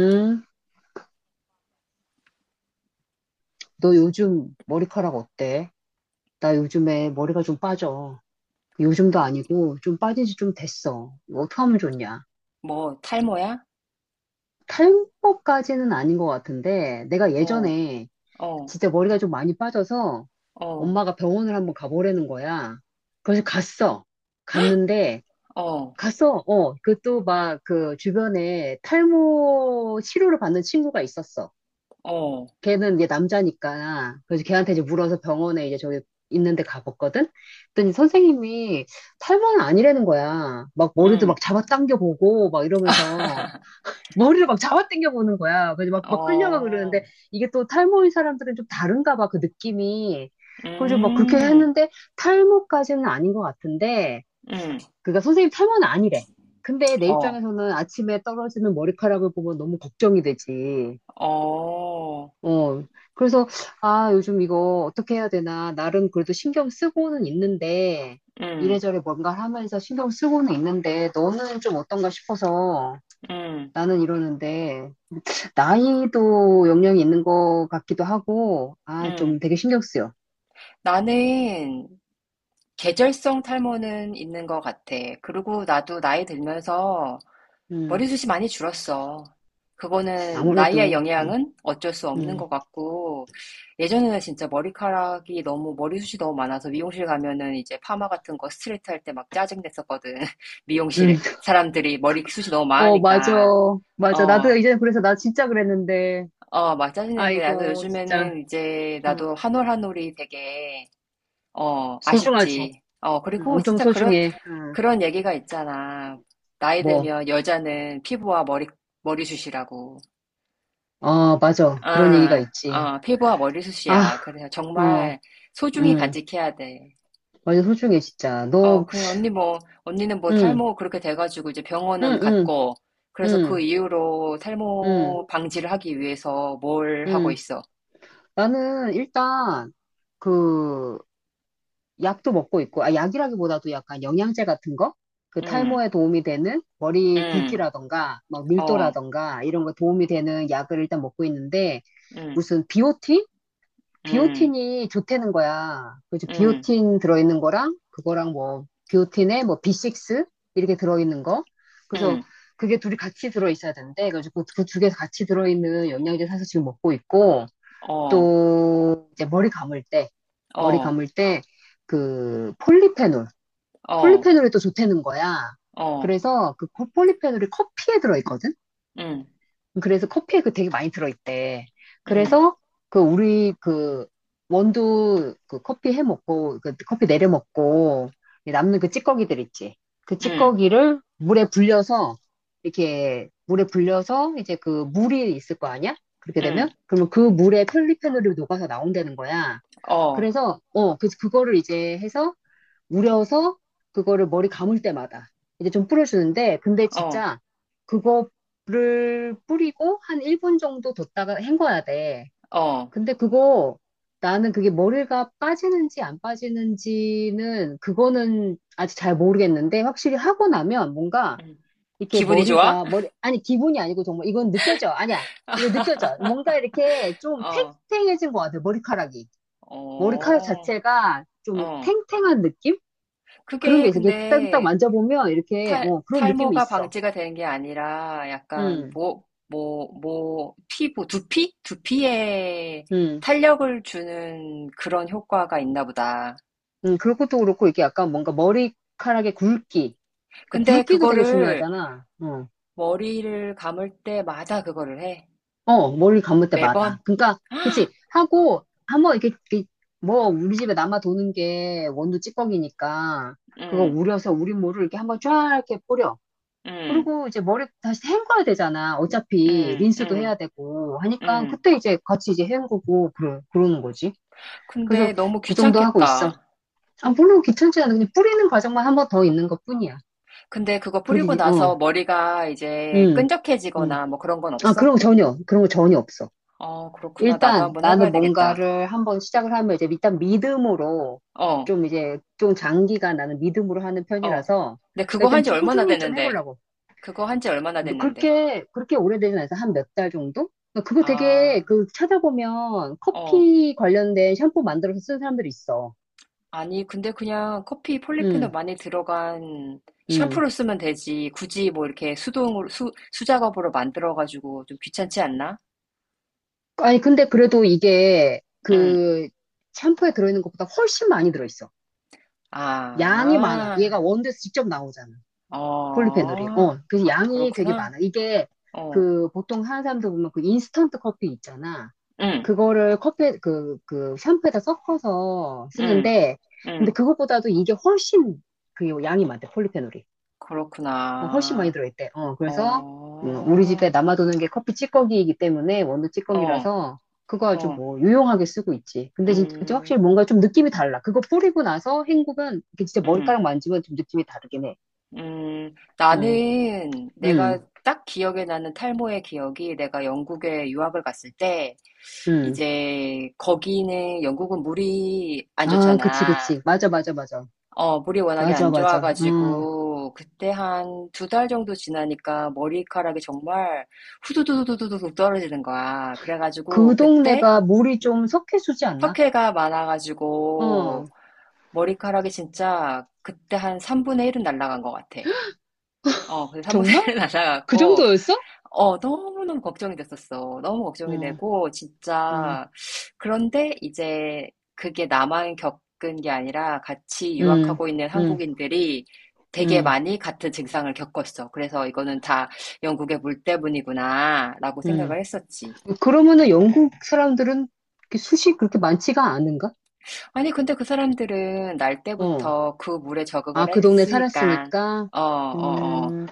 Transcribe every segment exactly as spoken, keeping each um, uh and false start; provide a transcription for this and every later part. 응? 너 요즘 머리카락 어때? 나 요즘에 머리가 좀 빠져. 요즘도 아니고 좀 빠진 지 좀 됐어. 이거 어떻게 하면 좋냐? 뭐 탈모야? 탈모까지는 아닌 것 같은데 내가 어, 예전에 어, 진짜 머리가 좀 많이 빠져서 어, 엄마가 병원을 한번 가보라는 거야. 그래서 갔어. 갔는데 어, 갔어. 어, 그 또 막 그 주변에 탈모 치료를 받는 친구가 있었어. 어, 걔는 이제 남자니까 그래서 걔한테 이제 물어서 병원에 이제 저기 있는데 가봤거든. 그랬더니 선생님이 탈모는 아니라는 거야. 막 머리도 음, 막 잡아당겨 보고 막 이러면서 머리를 막 잡아당겨 보는 거야. 그래서 막, 막 끌려가고 그러는데 어, 이게 또 탈모인 사람들은 좀 다른가 봐, 그 느낌이. 그래서 막 그렇게 음, 했는데 탈모까지는 아닌 것 같은데 음, 그니까 선생님 탈모는 아니래. 근데 내 어, 입장에서는 아침에 떨어지는 머리카락을 보면 너무 걱정이 되지. 어, 어, 그래서, 아, 요즘 이거 어떻게 해야 되나. 나름 그래도 신경 쓰고는 있는데, 음, 이래저래 뭔가 하면서 신경 쓰고는 있는데, 너는 좀 어떤가 싶어서 음, 나는 이러는데, 나이도 영향이 있는 것 같기도 하고, 아, 좀 음. 되게 신경 쓰여. 나는 계절성 탈모는 있는 것 같아. 그리고 나도 나이 들면서 음, 머리숱이 많이 줄었어. 그거는 나이의 아무래도, 음, 영향은 어쩔 수 없는 음, 것 같고, 예전에는 진짜 머리카락이 너무, 머리숱이 너무 많아서 미용실 가면은 이제 파마 같은 거 스트레이트 할 때 막 짜증 냈었거든. 음. 미용실에. 사람들이 머리숱이 너무 어, 맞아. 많으니까. 맞아. 나도 어, 이제 그래서 나 진짜 그랬는데, 어, 막 짜증 냈는데, 나도 아이고, 진짜. 요즘에는 이제 음, 나도 한올 한 올이 되게, 어, 소중하지. 아쉽지. 어, 음, 그리고 엄청 진짜 그런, 소중해. 음, 그런 얘기가 있잖아. 나이 뭐. 들면 여자는 피부와 머리, 머리숱이라고. 아, 맞아. 그런 얘기가 아, 있지. 어, 피부와 아, 머리숱이야. 그래서 어, 정말 소중히 음, 간직해야 돼. 완전 소중해, 진짜. 어, 너, 그 언니 뭐, 언니는 뭐 음, 탈모 그렇게 돼가지고 이제 음, 병원은 음, 갔고, 그래서 그 음, 이후로 음, 탈모 방지를 하기 위해서 뭘 하고 음. 있어? 나는 일단, 그, 약도 먹고 있고, 아, 약이라기보다도 약간 영양제 같은 거? 그 응, 탈모에 도움이 되는 머리 응, 굵기라던가, 막 어, 밀도라던가, 이런 거 도움이 되는 약을 일단 먹고 있는데, 응, 무슨 비오틴? 응, 비오틴이 좋다는 거야. 그래서 응, 비오틴 들어있는 거랑 그거랑 뭐 비오틴에 뭐 비 육 이렇게 들어있는 거. 그래서 응, 그게 둘이 같이 들어있어야 되는데 그래서 그두 개 같이 들어있는 영양제 사서 지금 먹고 있고 어, 또 이제 머리 감을 때 머리 어, 감을 때 그 폴리페놀 어, 폴리페놀이 또 좋다는 거야. 어, 그래서 그 폴리페놀이 커피에 들어있거든. 응, 그래서 커피에 그 되게 많이 들어있대. 응, 그래서 그 우리 그 원두 그 커피 해 먹고 그 커피 내려 먹고 남는 그 찌꺼기들 있지. 그 응, 찌꺼기를 물에 불려서 이렇게 물에 불려서 이제 그 물이 있을 거 아니야? 그렇게 되면 응, 그러면 그 물에 폴리페놀이 녹아서 나온다는 거야. 어, 그래서 어 그 그거를 이제 해서 우려서 그거를 머리 감을 때마다 이제 좀 뿌려주는데 근데 어, 진짜 그거를 뿌리고 한 일 분 정도 뒀다가 헹궈야 돼. 어, 근데 그거 나는 그게 머리가 빠지는지 안 빠지는지는 그거는 아직 잘 모르겠는데 확실히 하고 나면 뭔가 응. 이렇게 기분이 좋아? 머리가 머리 아니 기분이 아니고 정말 이건 느껴져. 아니야. 이거 느껴져. 뭔가 이렇게 좀 어, 탱탱해진 것 같아. 머리카락이. 머리카락 어. 자체가 좀 어, 탱탱한 느낌? 그런 게 그게 있어. 이렇게 딱딱 근데 만져보면 이렇게 탈, 어, 그런 느낌이 탈모가 있어. 방지가 되는 게 아니라 약간 음, 모, 모, 모, 피부, 두피? 두피에 음, 탄력을 주는 그런 효과가 있나 보다. 음. 그것도 그렇고 이게 약간 뭔가 머리카락의 굵기. 그러니까 근데 굵기도 되게 그거를 중요하잖아. 어, 머리를 감을 때마다 그거를 해. 어, 머리 감을 때마다. 매번? 그러니까 그치 하고 한번 이렇게, 이렇게 뭐 우리 집에 남아 도는 게 원두 찌꺼기니까 그거 응, 우려서 우리 모를 이렇게 한번 쫙 이렇게 뿌려. 응, 그리고 이제 머리 다시 헹궈야 되잖아. 어차피 응, 린스도 응, 해야 되고 하니까 응. 그때 이제 같이 이제 헹구고 그러, 그러는 거지. 근데 그래서 너무 그 정도 하고 있어. 귀찮겠다. 아, 물론 귀찮지 않아. 그냥 뿌리는 과정만 한번 더 있는 것뿐이야. 근데 그거 뿌리고 그렇게, 어, 나서 머리가 이제 음, 음. 끈적해지거나 뭐 그런 건 아, 없어? 그런 거 전혀, 그런 거 전혀 없어. 어, 그렇구나. 나도 일단 한번 해봐야 나는 되겠다. 뭔가를 한번 시작을 하면 이제 일단 믿음으로 어, 좀 이제 좀 장기간 나는 믿음으로 하는 어. 편이라서 근데 그러니까 그거 한 일단 지 좀 얼마나 꾸준히 좀 됐는데? 해보려고. 그거 한지 얼마나 뭐 됐는데? 그렇게, 그렇게 오래되진 않아서 한 몇 달 정도? 그러니까 그거 되게 아, 그 찾아보면 어. 커피 관련된 샴푸 만들어서 쓰는 사람들이 있어. 아니, 근데 그냥 커피 폴리페놀 음, 많이 들어간 음. 샴푸를 쓰면 되지. 굳이 뭐 이렇게 수동으로, 수, 수작업으로 만들어가지고 좀 귀찮지 않나? 아니, 근데 그래도 이게 응. 그 샴푸에 들어있는 것보다 훨씬 많이 들어있어. 양이 많아. 아, 얘가 원두에서 직접 나오잖아. 폴리페놀이. 어, 어, 그래서 양이 되게 그렇구나. 많아. 이게 어, 그 보통 하는 사람들 보면 그 인스턴트 커피 있잖아. 응, 그거를 커피, 그, 그 샴푸에다 섞어서 응, 쓰는데, 근데 응. 그것보다도 이게 훨씬 그 양이 많대, 폴리페놀이. 어, 훨씬 많이 그렇구나. 들어있대. 어, 어, 그래서 음, 우리 집에 남아도는 게 커피 찌꺼기이기 때문에 원두 어, 찌꺼기라서 그거 아주 어. 뭐 유용하게 쓰고 있지. 근데 진짜 음, 확실히 뭔가 좀 느낌이 달라. 그거 뿌리고 나서 헹구면 이게 진짜 음, 머리카락 만지면 좀 느낌이 다르긴 해. 음. 응, 나는 내가 응, 딱 기억에 나는 탈모의 기억이 내가 영국에 유학을 갔을 때 응. 이제 거기는 영국은 물이 안 아, 그치, 좋잖아. 그치. 맞아, 맞아, 맞아. 어, 물이 워낙에 맞아, 안 맞아. 어. 좋아가지고 그때 한 두 달 정도 지나니까 머리카락이 정말 후두두두두두둑 떨어지는 거야. 그 그래가지고 그때 동네가 물이 좀 석회수지 않나? 석회가 많아가지고 어. 머리카락이 진짜 그때 한 삼분의 일은 날라간 것 같아. 어, 그래서 한 번에 정말? 그 날아갔고, 정도였어? 어, 너무너무 걱정이 됐었어. 너무 걱정이 응, 되고, 응, 진짜. 그런데 이제 그게 나만 겪은 게 아니라 같이 응, 유학하고 있는 응, 한국인들이 되게 응, 많이 같은 증상을 겪었어. 그래서 이거는 다 영국의 물 때문이구나, 라고 응. 생각을 했었지. 그러면은 영국 사람들은 이렇게 숱이 그렇게 많지가 않은가? 아니, 근데 그 사람들은 날 어. 때부터 그 물에 적응을 아, 그 동네 했으니까, 살았으니까, 어, 어, 어. 음,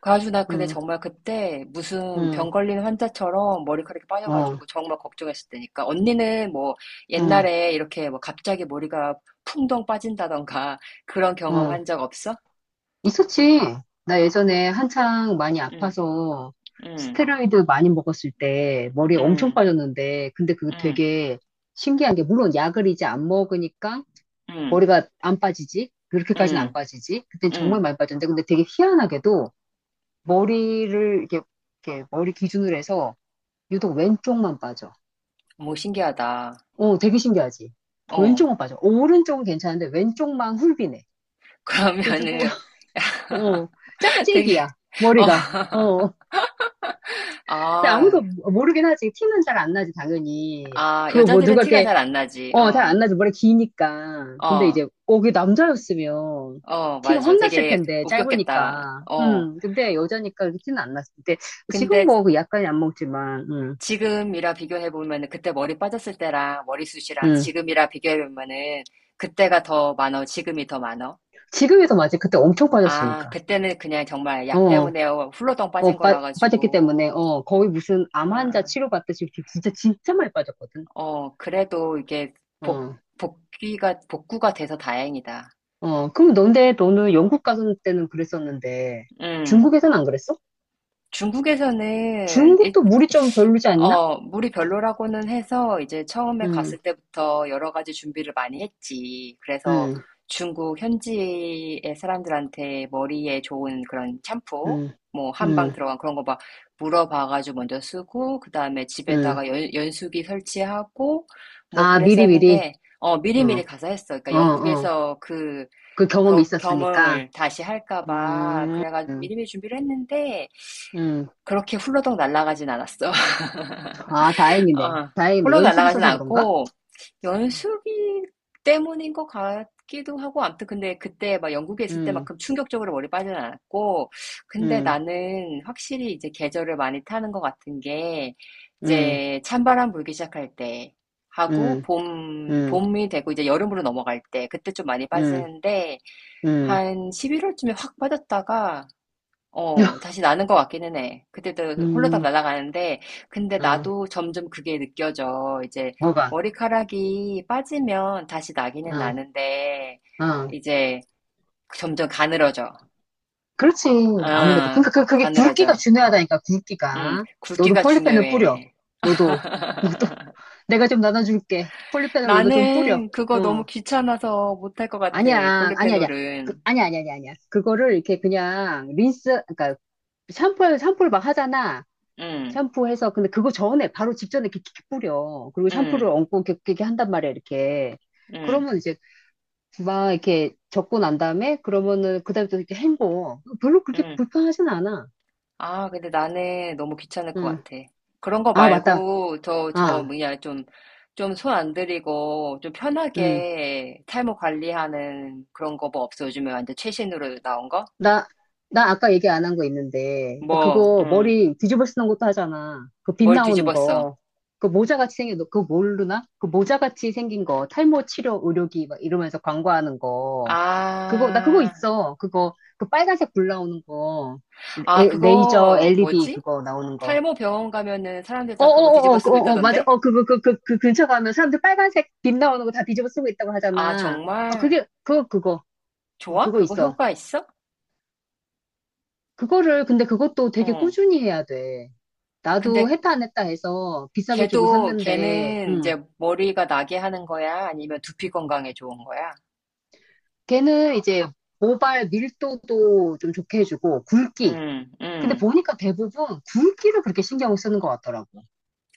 가주 나 근데 음, 정말 그때 무슨 음, 병 걸린 환자처럼 머리카락이 어, 빠져가지고 정말 걱정했을 때니까 언니는 뭐 어, 옛날에 이렇게 뭐 갑자기 머리가 풍덩 빠진다던가 그런 어. 경험한 적 없어? 있었지. 나 예전에 한창 많이 응, 아파서 응, 스테로이드 많이 먹었을 때 머리에 엄청 응, 빠졌는데, 근데 그거 응, 되게 신기한 게, 물론 약을 이제 안 먹으니까 응, 머리가 안 빠지지. 그렇게까지는 안 응, 빠지지. 그땐 정말 응. 많이 빠졌는데, 근데 되게 희한하게도 머리를 이렇게, 이렇게 머리 기준으로 해서 유독 왼쪽만 빠져. 뭐 신기하다. 어, 되게 신기하지? 어. 왼쪽만 빠져. 오른쪽은 괜찮은데 왼쪽만 훌비네. 그래가지고, 그러면은 어, 되게 짝짝이야, 어. 머리가. 어, 근데 아무도 아, 모르긴 하지. 티는 잘 안 나지, 당연히. 아, 그거 뭐 여자들은 누가 티가 이렇게, 잘 안 나지. 어, 잘 어. 안 나지. 머리 기니까. 근데 어. 이제, 어, 그게 남자였으면 어, 티가 맞아. 확 났을 되게 텐데, 웃겼겠다. 짧으니까. 어. 음, 근데 여자니까 이렇게 티는 안 났을 때. 지금 근데 뭐 약간이 안 먹지만, 음, 지금이라 비교해 보면은 그때 머리 빠졌을 때랑 머리숱이랑 음. 지금이라 비교해 보면은 그때가 더 많어, 지금이 더 많어. 지금에서 맞지. 그때 엄청 아, 빠졌으니까. 그때는 그냥 정말 약 어. 때문에 훌러덩 어, 빠진 빠, 거라 빠졌기 때문에, 가지고 어, 거의 무슨 암 환자 아, 치료받듯이 이렇게 진짜, 진짜 많이 빠졌거든. 어, 그래도 이게 복 어, 복귀가 복구가 돼서 다행이다. 어, 그럼 너네, 너는 영국 가서 때는 그랬었는데, 음. 중국에선 안 그랬어? 중국에서는 일, 중국도 물이 좀 별로지 않나? 어, 물이 별로라고는 해서 이제 처음에 응, 갔을 때부터 여러 가지 준비를 많이 했지. 그래서 응, 중국 현지의 사람들한테 머리에 좋은 그런 샴푸, 응, 뭐 한방 응, 들어간 그런 거 막 물어봐가지고 먼저 쓰고, 그 다음에 응. 집에다가 연, 연수기 설치하고, 뭐 아, 미리미리. 그랬었는데, 어, 어, 미리미리 가서 했어. 그러니까 어, 어. 영국에서 그 그 경험이 겨- 있었으니까. 겸응을 다시 할까 봐. 음, 그래가 음. 미리미리 준비를 했는데, 음. 그렇게 훌러덩 날아가진 않았어. 아, 다행이네. 어, 러 다행이네. 로 연습 날아가진 있어서 그런가? 않고 연습이 때문인 것 같기도 하고 아무튼 근데 그때 막 영국에 있을 음, 때만큼 충격적으로 머리 빠지진 않았고 근데 음, 나는 확실히 이제 계절을 많이 타는 것 같은 게 음, 이제 찬바람 불기 시작할 때 하고 음, 봄 음, 봄이 되고 이제 여름으로 넘어갈 때 그때 좀 많이 음, 빠지는데 음. 한 십일 월쯤에 확 빠졌다가 어, 다시 나는 것 같기는 해. 그때도 홀로딱 음. 날아가는데, 근데 응, 나도 점점 그게 느껴져. 이제 뭐가? 머리카락이 빠지면 다시 나기는 응, 나는데, 응. 이제 점점 가늘어져. 그렇지. 아무래도. 그러니까 아, 그, 그게 굵기가 가늘어져. 중요하다니까, 응, 굵기가. 너도 굵기가 폴리펜을 뿌려. 중요해. 너도, 너도, 내가 좀 나눠줄게. 폴리펜을 너도 좀 뿌려. 나는 그거 너무 어. 귀찮아서 못할 것 같아. 아니야, 아니야, 아니야. 그, 볼리페놀은. 아니야, 아니야, 아니야, 아니야. 그거를 이렇게 그냥 린스, 그러니까 샴푸를, 샴푸를 막 하잖아. 응, 샴푸해서. 근데 그거 전에, 바로 직전에 이렇게, 이렇게 뿌려. 그리고 샴푸를 응, 얹고 이렇게, 이렇게 한단 말이야, 이렇게. 응, 그러면 이제 막 이렇게 적고 난 다음에 그러면은 그다음에 또 이렇게 헹궈. 별로 그렇게 응. 불편하진 않아. 아, 근데 나는 너무 귀찮을 것 응. 같아. 그런 거 아, 맞다. 말고, 저, 저, 아, 뭐냐, 좀, 좀 손 안 들이고, 좀 응. 편하게 탈모 관리하는 그런 거 뭐 없어? 요즘에 완전 최신으로 나온 거? 나, 나 아까 얘기 안 한 거 있는데. 나 뭐, 그거 응, 머리 뒤집어 쓰는 것도 하잖아. 그 빛 뭘 나오는 뒤집었어? 거. 그 모자같이 생긴, 거, 그거 모르나? 그 모자같이 생긴 거. 탈모 치료 의료기 막 이러면서 광고하는 거. 그거, 나 그거 아, 있어. 그거, 그 빨간색 불 나오는 거. 아, 레- 레이저 그거, 엘이디 뭐지? 그거 나오는 거. 탈모 병원 가면은 사람들 다 그거 어어어어, 뒤집어 어, 쓰고 어, 맞아. 있다던데? 어, 그, 그, 그, 그, 그 근처 가면 사람들 빨간색 빛 나오는 거 다 뒤집어 쓰고 있다고 아, 하잖아. 어, 정말? 그게, 그거, 그거. 어, 좋아? 그거 그거 있어. 효과 있어? 그거를, 근데 그것도 되게 응. 꾸준히 해야 돼. 나도 근데 했다 안 했다 해서 비싸게 주고 걔도 샀는데, 걔는 음. 이제 머리가 나게 하는 거야? 아니면 두피 건강에 좋은 거야? 걔는 이제 모발 밀도도 좀 좋게 해주고, 굵기. 음, 근데 음. 보니까 대부분 굵기를 그렇게 신경을 쓰는 것 같더라고.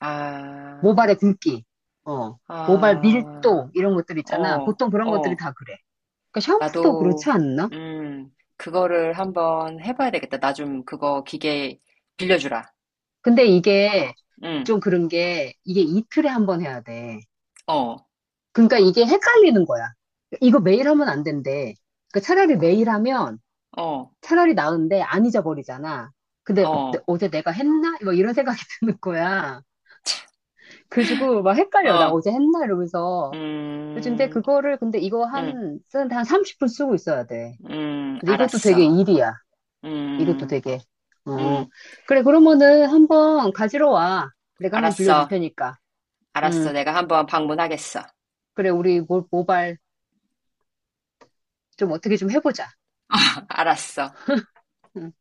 아, 모발의 굵기. 어. 모발 아, 밀도, 이런 것들 있잖아. 어, 보통 그런 것들이 어. 다 그래. 그러니까 샴푸도 나도, 그렇지 않나? 음, 그거를 한번 해봐야 되겠다. 나 좀 그거 기계 빌려주라. 근데 이게 음, 좀 그런 게 이게 이틀에 한 번 해야 돼. 어, 그러니까 이게 헷갈리는 거야. 이거 매일 하면 안 된대. 그러니까 차라리 매일 하면 어, 차라리 나은데 안 잊어버리잖아. 근데 내- 어, 어제 내가 했나? 뭐 이런 생각이 드는 거야. 그래가지고 막 헷갈려. 나 어, 어제 했나? 이러면서. 요즘데 음, 그거를 근데 이거 음, 한, 쓰는데 한 삼십 분 쓰고 있어야 돼. 음, 근데 이것도 되게 알았어. 일이야. 이것도 음, 되게. 어. 음, 그래, 그러면은 한번 가지러 와. 내가 한번 빌려줄 알았어. 테니까. 알았어. 음. 내가 한번 방문하겠어. 그래, 우리 모- 모발 좀 어떻게 좀 해보자. 알았어. 응.